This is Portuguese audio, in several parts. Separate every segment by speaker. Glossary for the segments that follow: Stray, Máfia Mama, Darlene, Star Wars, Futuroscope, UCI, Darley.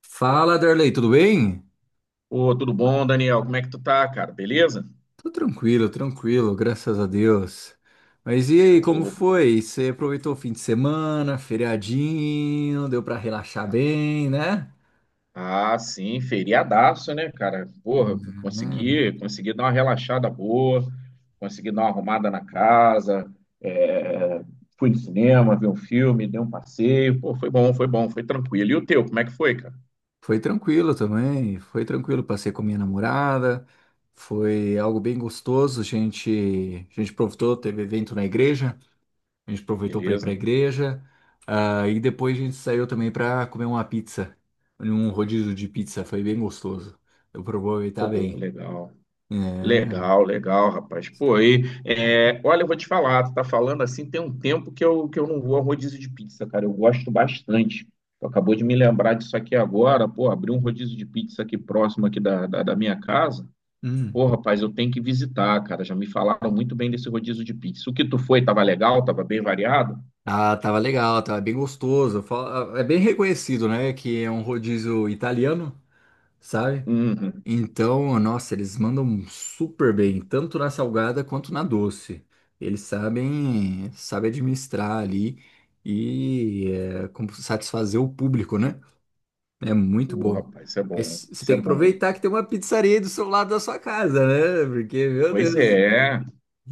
Speaker 1: Fala, Darley, tudo bem?
Speaker 2: Ô, tudo bom, Daniel? Como é que tu tá, cara? Beleza?
Speaker 1: Tô tranquilo, tranquilo, graças a Deus. Mas e aí, como
Speaker 2: Show.
Speaker 1: foi? Você aproveitou o fim de semana, feriadinho, deu pra relaxar bem, né?
Speaker 2: Ah, sim, feriadaço, né, cara? Porra,
Speaker 1: Uhum.
Speaker 2: consegui dar uma relaxada boa, consegui dar uma arrumada na casa, é, fui no cinema, vi um filme, dei um passeio. Pô, foi bom, foi bom, foi tranquilo. E o teu, como é que foi, cara?
Speaker 1: Foi tranquilo também, foi tranquilo, passei com minha namorada, foi algo bem gostoso, a gente aproveitou, teve evento na igreja. A gente aproveitou para ir para a
Speaker 2: Beleza?
Speaker 1: igreja. E depois a gente saiu também para comer uma pizza. Um rodízio de pizza. Foi bem gostoso. Eu aproveitar
Speaker 2: Pô,
Speaker 1: bem.
Speaker 2: legal.
Speaker 1: É.
Speaker 2: Legal, legal, rapaz. Pô, aí, olha, eu vou te falar, tu tá falando assim, tem um tempo que eu não vou a rodízio de pizza, cara. Eu gosto bastante. Tu acabou de me lembrar disso aqui agora, pô, abri um rodízio de pizza aqui próximo aqui da minha casa.
Speaker 1: Hum.
Speaker 2: Pô, rapaz, eu tenho que visitar, cara. Já me falaram muito bem desse rodízio de pizza. O que tu foi, tava legal, tava bem variado?
Speaker 1: Ah, tava legal, tava bem gostoso. É bem reconhecido, né? Que é um rodízio italiano, sabe?
Speaker 2: Uhum.
Speaker 1: Então, nossa, eles mandam super bem, tanto na salgada quanto na doce. Eles sabem administrar ali e é, como satisfazer o público, né? É muito
Speaker 2: Pô,
Speaker 1: bom.
Speaker 2: rapaz, isso é bom,
Speaker 1: Mas você
Speaker 2: isso
Speaker 1: tem
Speaker 2: é
Speaker 1: que
Speaker 2: bom.
Speaker 1: aproveitar que tem uma pizzaria aí do seu lado da sua casa, né? Porque, meu
Speaker 2: Pois
Speaker 1: Deus,
Speaker 2: é,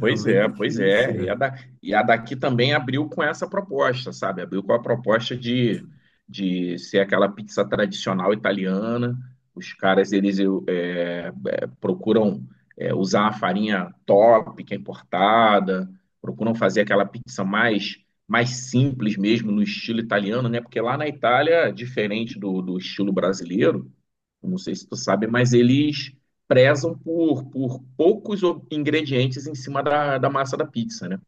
Speaker 1: é um
Speaker 2: é, pois
Speaker 1: benefício,
Speaker 2: é. E a,
Speaker 1: né?
Speaker 2: da, e a daqui também abriu com essa proposta, sabe? Abriu com a proposta de ser aquela pizza tradicional italiana. Os caras, eles procuram usar a farinha top, que é importada, procuram fazer aquela pizza mais simples mesmo, no estilo italiano, né? Porque lá na Itália, diferente do estilo brasileiro, eu não sei se tu sabe, mas eles prezam por poucos ingredientes em cima da massa da pizza, né?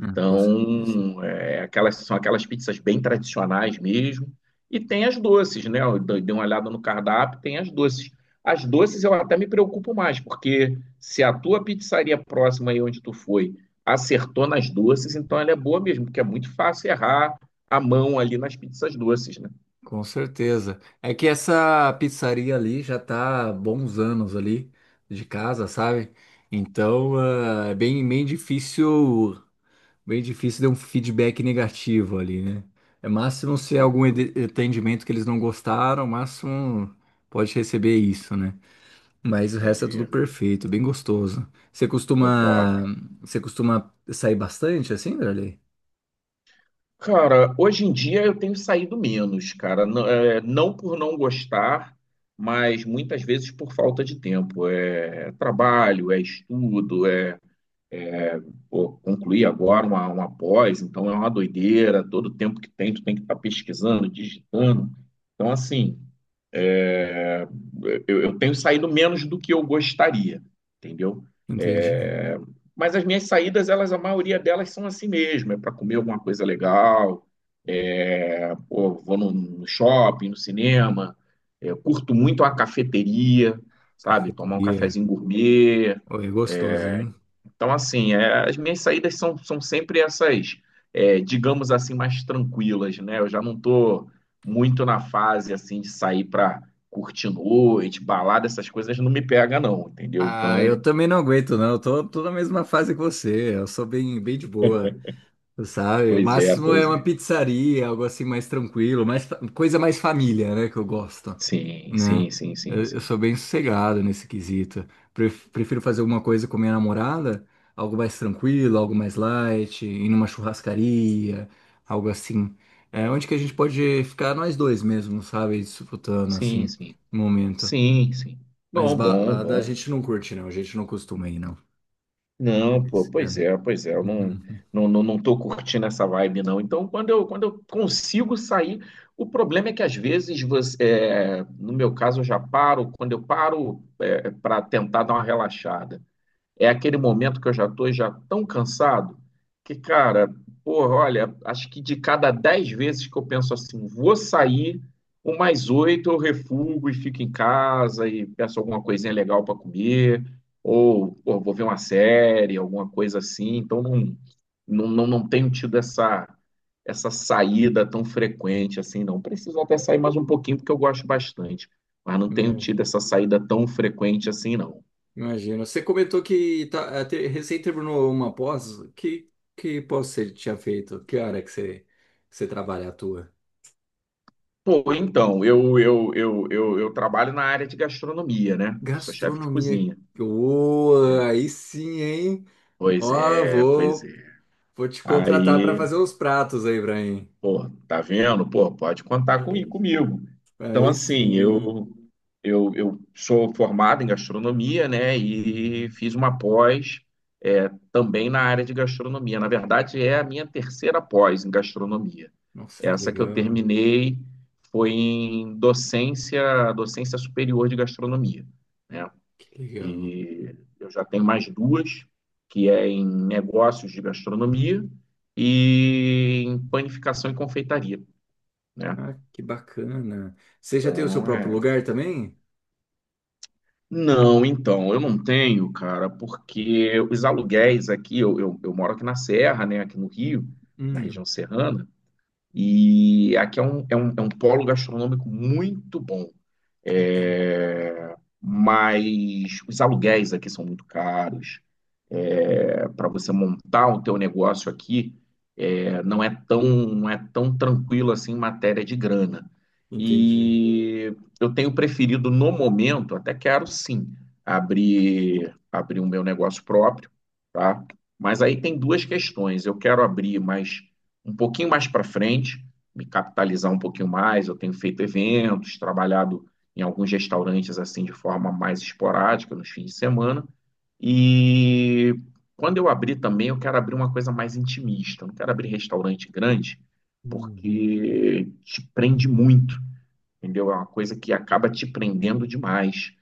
Speaker 1: Com certeza.
Speaker 2: são aquelas pizzas bem tradicionais mesmo. E tem as doces, né? Eu dei uma olhada no cardápio, tem as doces. As doces eu até me preocupo mais, porque se a tua pizzaria próxima aí onde tu foi acertou nas doces, então ela é boa mesmo, porque é muito fácil errar a mão ali nas pizzas doces, né?
Speaker 1: Com certeza. É que essa pizzaria ali já tá há bons anos ali de casa, sabe? Então, é bem, bem difícil dar um feedback negativo ali, né? É máximo se é algum atendimento que eles não gostaram, máximo pode receber isso, né? Mas o resto é tudo
Speaker 2: Entendi.
Speaker 1: perfeito, bem gostoso. Você
Speaker 2: Pô,
Speaker 1: costuma,
Speaker 2: top.
Speaker 1: Você costuma sair bastante assim, Darley?
Speaker 2: Cara, hoje em dia eu tenho saído menos, cara. Não, não por não gostar, mas muitas vezes por falta de tempo. É trabalho, é estudo, pô, concluir agora uma pós, então é uma doideira. Todo tempo que tem, tu tem que estar pesquisando, digitando. Então, assim, eu tenho saído menos do que eu gostaria, entendeu?
Speaker 1: Entendi.
Speaker 2: É, mas as minhas saídas, elas, a maioria delas são assim mesmo, é para comer alguma coisa legal. Pô, vou no shopping, no cinema, eu curto muito a cafeteria, sabe? Tomar um
Speaker 1: Cafeteria.
Speaker 2: cafezinho gourmet.
Speaker 1: Oi, é
Speaker 2: é,
Speaker 1: gostoso, hein?
Speaker 2: Então, assim, as minhas saídas são sempre essas, digamos assim, mais tranquilas, né? Eu já não tô muito na fase, assim, de sair pra curtir noite, balada, essas coisas não me pega, não, entendeu?
Speaker 1: Ah, eu
Speaker 2: Então,
Speaker 1: também não aguento, não. Tô na mesma fase que você. Eu sou bem, bem de boa. Sabe? O
Speaker 2: pois é,
Speaker 1: máximo é
Speaker 2: pois
Speaker 1: uma
Speaker 2: é.
Speaker 1: pizzaria, algo assim mais tranquilo, mais, coisa mais família, né? Que eu gosto,
Speaker 2: Sim,
Speaker 1: né?
Speaker 2: sim, sim, sim,
Speaker 1: Eu
Speaker 2: sim.
Speaker 1: sou bem sossegado nesse quesito. Prefiro fazer alguma coisa com minha namorada, algo mais tranquilo, algo mais light, ir numa churrascaria, algo assim. É onde que a gente pode ficar nós dois mesmo, sabe? Disputando,
Speaker 2: Sim,
Speaker 1: assim,
Speaker 2: sim.
Speaker 1: no momento.
Speaker 2: Sim, sim.
Speaker 1: Mas
Speaker 2: Bom, bom,
Speaker 1: balada a
Speaker 2: bom.
Speaker 1: gente não curte, não. A gente não costuma ir, não. É
Speaker 2: Não,
Speaker 1: que
Speaker 2: pô,
Speaker 1: esse ano.
Speaker 2: pois é, eu não, não tô curtindo essa vibe, não. Então, quando eu consigo sair, o problema é que às vezes você, no meu caso, eu já paro, quando eu paro, para tentar dar uma relaxada. É aquele momento que eu já tô já tão cansado que, cara, porra, olha, acho que de cada 10 vezes que eu penso assim, vou sair, umas oito eu refugo e fico em casa e peço alguma coisinha legal para comer, ou pô, vou ver uma série, alguma coisa assim. Então não, não, não tenho tido essa saída tão frequente assim, não. Preciso até sair mais um pouquinho porque eu gosto bastante, mas não tenho
Speaker 1: Uhum.
Speaker 2: tido essa saída tão frequente assim, não.
Speaker 1: Imagino. Você comentou que tá, recém terminou uma pós. Que pós você tinha feito? Que você trabalha, atua?
Speaker 2: Pô, então, eu trabalho na área de gastronomia, né? Sou chefe de
Speaker 1: Gastronomia.
Speaker 2: cozinha.
Speaker 1: Ô, aí sim, hein?
Speaker 2: Pois
Speaker 1: Ó,
Speaker 2: é, pois
Speaker 1: vou,
Speaker 2: é.
Speaker 1: Vou te contratar para
Speaker 2: Aí,
Speaker 1: fazer uns pratos aí pra mim.
Speaker 2: pô, tá vendo? Pô, pode contar comi-
Speaker 1: Aí,
Speaker 2: comigo. Então,
Speaker 1: aí
Speaker 2: assim,
Speaker 1: sim.
Speaker 2: eu sou formado em gastronomia, né? E
Speaker 1: Uhum.
Speaker 2: fiz uma pós também na área de gastronomia. Na verdade, é a minha terceira pós em gastronomia.
Speaker 1: Nossa, que
Speaker 2: Essa que eu
Speaker 1: legal.
Speaker 2: terminei foi em docência, docência superior de gastronomia, né?
Speaker 1: Que legal.
Speaker 2: E eu já tenho mais duas, que é em negócios de gastronomia e em panificação e confeitaria, né?
Speaker 1: Ah, que bacana. Você já tem o seu
Speaker 2: Então,
Speaker 1: próprio
Speaker 2: é...
Speaker 1: lugar também?
Speaker 2: Não, então, eu não tenho, cara, porque os aluguéis aqui, eu moro aqui na Serra, né, aqui no Rio, na região
Speaker 1: Hum,
Speaker 2: serrana, e aqui é um polo gastronômico muito bom. É, Mas os aluguéis aqui são muito caros, para você montar o teu negócio aqui, não é tão tranquilo assim em matéria de grana.
Speaker 1: entendi.
Speaker 2: E eu tenho preferido no momento, até quero sim, abrir o meu negócio próprio, tá? Mas aí tem duas questões. Eu quero abrir mais um pouquinho mais para frente, me capitalizar um pouquinho mais. Eu tenho feito eventos, trabalhado em alguns restaurantes assim de forma mais esporádica nos fins de semana. E quando eu abrir também, eu quero abrir uma coisa mais intimista. Eu não quero abrir restaurante grande,
Speaker 1: Uhum.
Speaker 2: porque te prende muito, entendeu? É uma coisa que acaba te prendendo demais.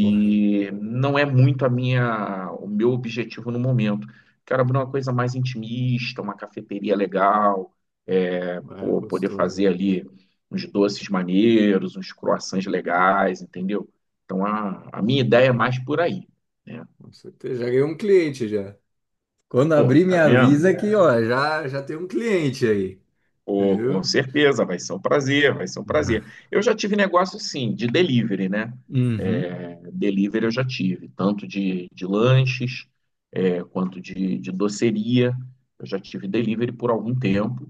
Speaker 1: Correto.
Speaker 2: não é muito a minha, o meu objetivo no momento. Quero abrir uma coisa mais intimista, uma cafeteria legal,
Speaker 1: É
Speaker 2: pô, poder fazer
Speaker 1: gostosinho,
Speaker 2: ali uns doces maneiros, uns croissants legais, entendeu? Então a minha ideia é mais por aí, né?
Speaker 1: com certeza. Já ganhei um cliente já. Quando
Speaker 2: Oi,
Speaker 1: abrir, me
Speaker 2: tá vendo?
Speaker 1: avisa que, ó, já tem um cliente aí,
Speaker 2: Pô, com
Speaker 1: viu?
Speaker 2: certeza, vai ser um prazer, vai ser um
Speaker 1: Uhum.
Speaker 2: prazer. Eu já tive negócio, sim, de delivery, né?
Speaker 1: Uhum.
Speaker 2: É, delivery eu já tive, tanto de lanches, quanto de doceria. Eu já tive delivery por algum tempo.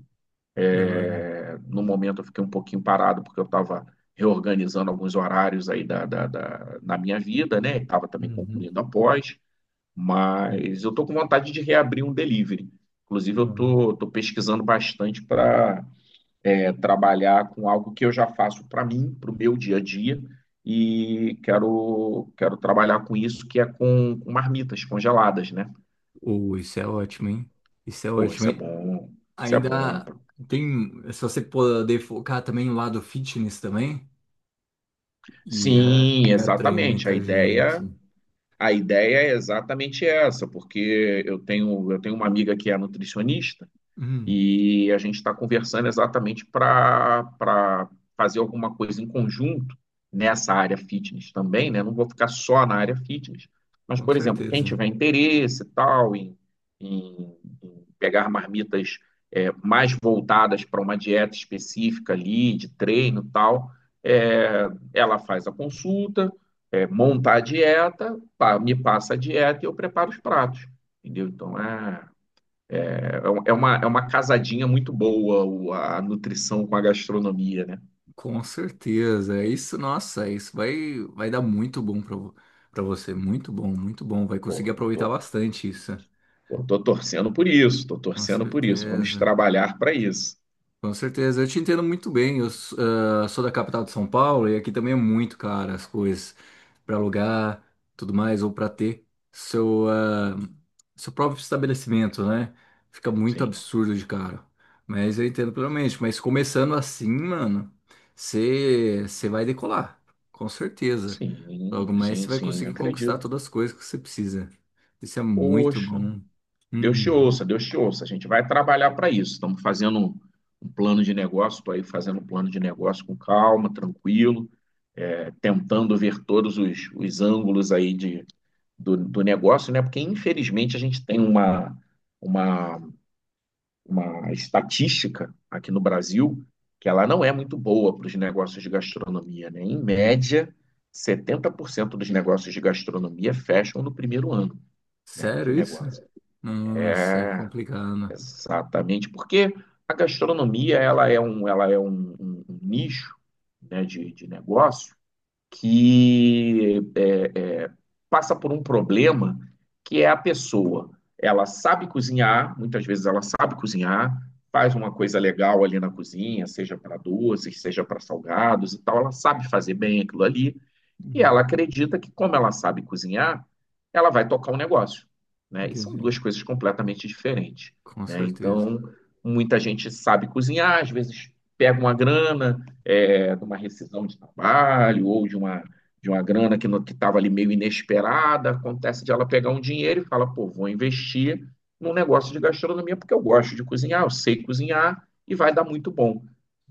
Speaker 1: Da hora.
Speaker 2: É, no momento eu fiquei um pouquinho parado, porque eu estava reorganizando alguns horários aí na minha vida, né? Estava também
Speaker 1: Uhum.
Speaker 2: concluindo a pós. Mas eu tô com vontade de reabrir um delivery. Inclusive, eu
Speaker 1: Uhum.
Speaker 2: estou tô, tô pesquisando bastante para trabalhar com algo que eu já faço para mim, para o meu dia a dia, e quero trabalhar com isso, que é com, marmitas congeladas, né?
Speaker 1: Isso é ótimo, hein? Isso é
Speaker 2: Pô,
Speaker 1: ótimo,
Speaker 2: isso é
Speaker 1: hein?
Speaker 2: bom, isso é bom.
Speaker 1: Ainda tem, se você poder focar também no lado fitness também, e, é,
Speaker 2: Sim,
Speaker 1: e atrai
Speaker 2: exatamente. A
Speaker 1: muita
Speaker 2: ideia,
Speaker 1: gente.
Speaker 2: a ideia é exatamente essa, porque eu tenho uma amiga que é nutricionista.
Speaker 1: Hum,
Speaker 2: E a gente está conversando exatamente para fazer alguma coisa em conjunto nessa área fitness também, né? Não vou ficar só na área fitness, mas,
Speaker 1: com
Speaker 2: por exemplo, quem
Speaker 1: certeza.
Speaker 2: tiver interesse e tal em, em, em pegar marmitas mais voltadas para uma dieta específica ali, de treino e tal, é, ela faz a consulta, monta a dieta, me passa a dieta e eu preparo os pratos, entendeu? Então, é uma casadinha muito boa a nutrição com a gastronomia, né?
Speaker 1: Com certeza. É isso, nossa, é isso vai, vai dar muito bom pra, pra você. Muito bom, muito bom. Vai conseguir
Speaker 2: Pô,
Speaker 1: aproveitar
Speaker 2: tô,
Speaker 1: bastante isso.
Speaker 2: pô, tô torcendo por isso, tô
Speaker 1: Com
Speaker 2: torcendo por isso. Vamos
Speaker 1: certeza.
Speaker 2: trabalhar para isso.
Speaker 1: Com certeza, eu te entendo muito bem. Sou da capital de São Paulo e aqui também é muito caro as coisas para alugar, tudo mais, ou para ter seu, ah, seu próprio estabelecimento, né? Fica muito
Speaker 2: Sim,
Speaker 1: absurdo de caro. Mas eu entendo plenamente. Mas começando assim, mano, você vai decolar, com certeza. Logo
Speaker 2: sim,
Speaker 1: mais
Speaker 2: sim,
Speaker 1: você vai
Speaker 2: sim, eu
Speaker 1: conseguir conquistar
Speaker 2: acredito.
Speaker 1: todas as coisas que você precisa. Isso é muito
Speaker 2: Poxa,
Speaker 1: bom.
Speaker 2: Deus te
Speaker 1: Uhum.
Speaker 2: ouça, Deus te ouça. A gente vai trabalhar para isso. Estamos fazendo um, plano de negócio, estou aí fazendo um plano de negócio com calma, tranquilo, tentando ver todos os ângulos aí do negócio, né? Porque infelizmente a gente tem uma uma uma estatística aqui no Brasil que ela não é muito boa para os negócios de gastronomia, né? Em média, 70% dos negócios de gastronomia fecham no primeiro ano, né, de
Speaker 1: Sério isso?
Speaker 2: negócio.
Speaker 1: Nossa, é
Speaker 2: É,
Speaker 1: complicado.
Speaker 2: exatamente, porque a gastronomia ela é um nicho, né, de negócio que é, passa por um problema que é a pessoa. Ela sabe cozinhar, muitas vezes ela sabe cozinhar, faz uma coisa legal ali na cozinha, seja para doces, seja para salgados e tal, ela sabe fazer bem aquilo ali, e ela
Speaker 1: Uhum.
Speaker 2: acredita que, como ela sabe cozinhar, ela vai tocar um negócio, né? E são
Speaker 1: Entendi.
Speaker 2: duas coisas completamente diferentes,
Speaker 1: Com
Speaker 2: né?
Speaker 1: certeza.
Speaker 2: Então, muita gente sabe cozinhar, às vezes pega uma grana de uma rescisão de trabalho ou de uma grana que estava ali meio inesperada. Acontece de ela pegar um dinheiro e fala, pô, vou investir num negócio de gastronomia porque eu gosto de cozinhar, eu sei cozinhar e vai dar muito bom.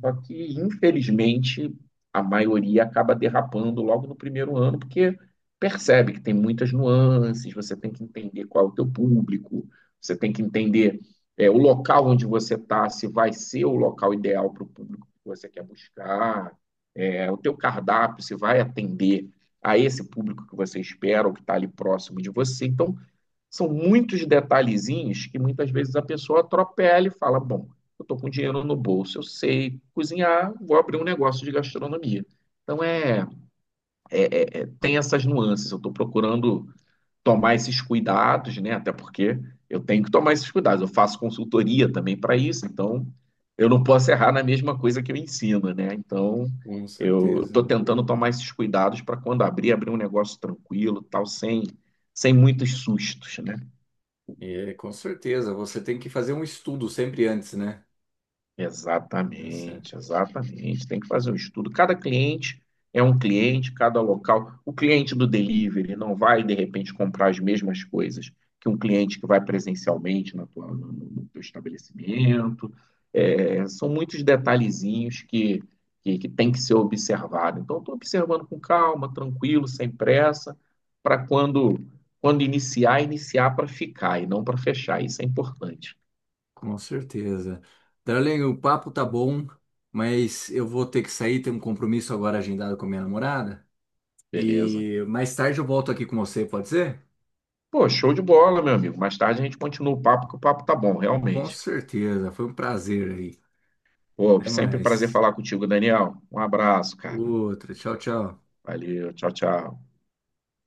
Speaker 2: Só que, infelizmente, a maioria acaba derrapando logo no primeiro ano, porque percebe que tem muitas nuances, você tem que entender qual é o teu público, você tem que entender o local onde você está, se vai ser o local ideal para o público que você quer buscar, o teu cardápio, se vai atender a esse público que você espera ou que está ali próximo de você. Então, são muitos detalhezinhos que muitas vezes a pessoa atropela e fala: Bom, eu estou com dinheiro no bolso, eu sei cozinhar, vou abrir um negócio de gastronomia. Então tem essas nuances. Eu estou procurando tomar esses cuidados, né? Até porque eu tenho que tomar esses cuidados. Eu faço consultoria também para isso, então eu não posso errar na mesma coisa que eu ensino, né? Então
Speaker 1: Com
Speaker 2: eu
Speaker 1: certeza.
Speaker 2: estou
Speaker 1: Né?
Speaker 2: tentando tomar esses cuidados para quando abrir, abrir um negócio tranquilo, tal, sem muitos sustos, né?
Speaker 1: E é, com certeza, você tem que fazer um estudo sempre antes, né? Deu certo.
Speaker 2: Exatamente, exatamente. Tem que fazer um estudo. Cada cliente é um cliente, cada local. O cliente do delivery não vai, de repente, comprar as mesmas coisas que um cliente que vai presencialmente na tua, no, no teu estabelecimento. É, são muitos detalhezinhos que, que tem que ser observado. Então, estou observando com calma, tranquilo, sem pressa, para quando iniciar, iniciar para ficar e não para fechar. Isso é importante.
Speaker 1: Com certeza. Darlene, o papo tá bom, mas eu vou ter que sair, tenho um compromisso agora agendado com a minha namorada.
Speaker 2: Beleza?
Speaker 1: E mais tarde eu volto aqui com você, pode ser?
Speaker 2: Pô, show de bola, meu amigo. Mais tarde a gente continua o papo, que o papo tá bom,
Speaker 1: Com
Speaker 2: realmente.
Speaker 1: certeza. Foi um prazer aí.
Speaker 2: Pô,
Speaker 1: Até
Speaker 2: sempre um prazer
Speaker 1: mais.
Speaker 2: falar contigo, Daniel. Um abraço, cara.
Speaker 1: Outra. Tchau, tchau.
Speaker 2: Valeu, tchau, tchau.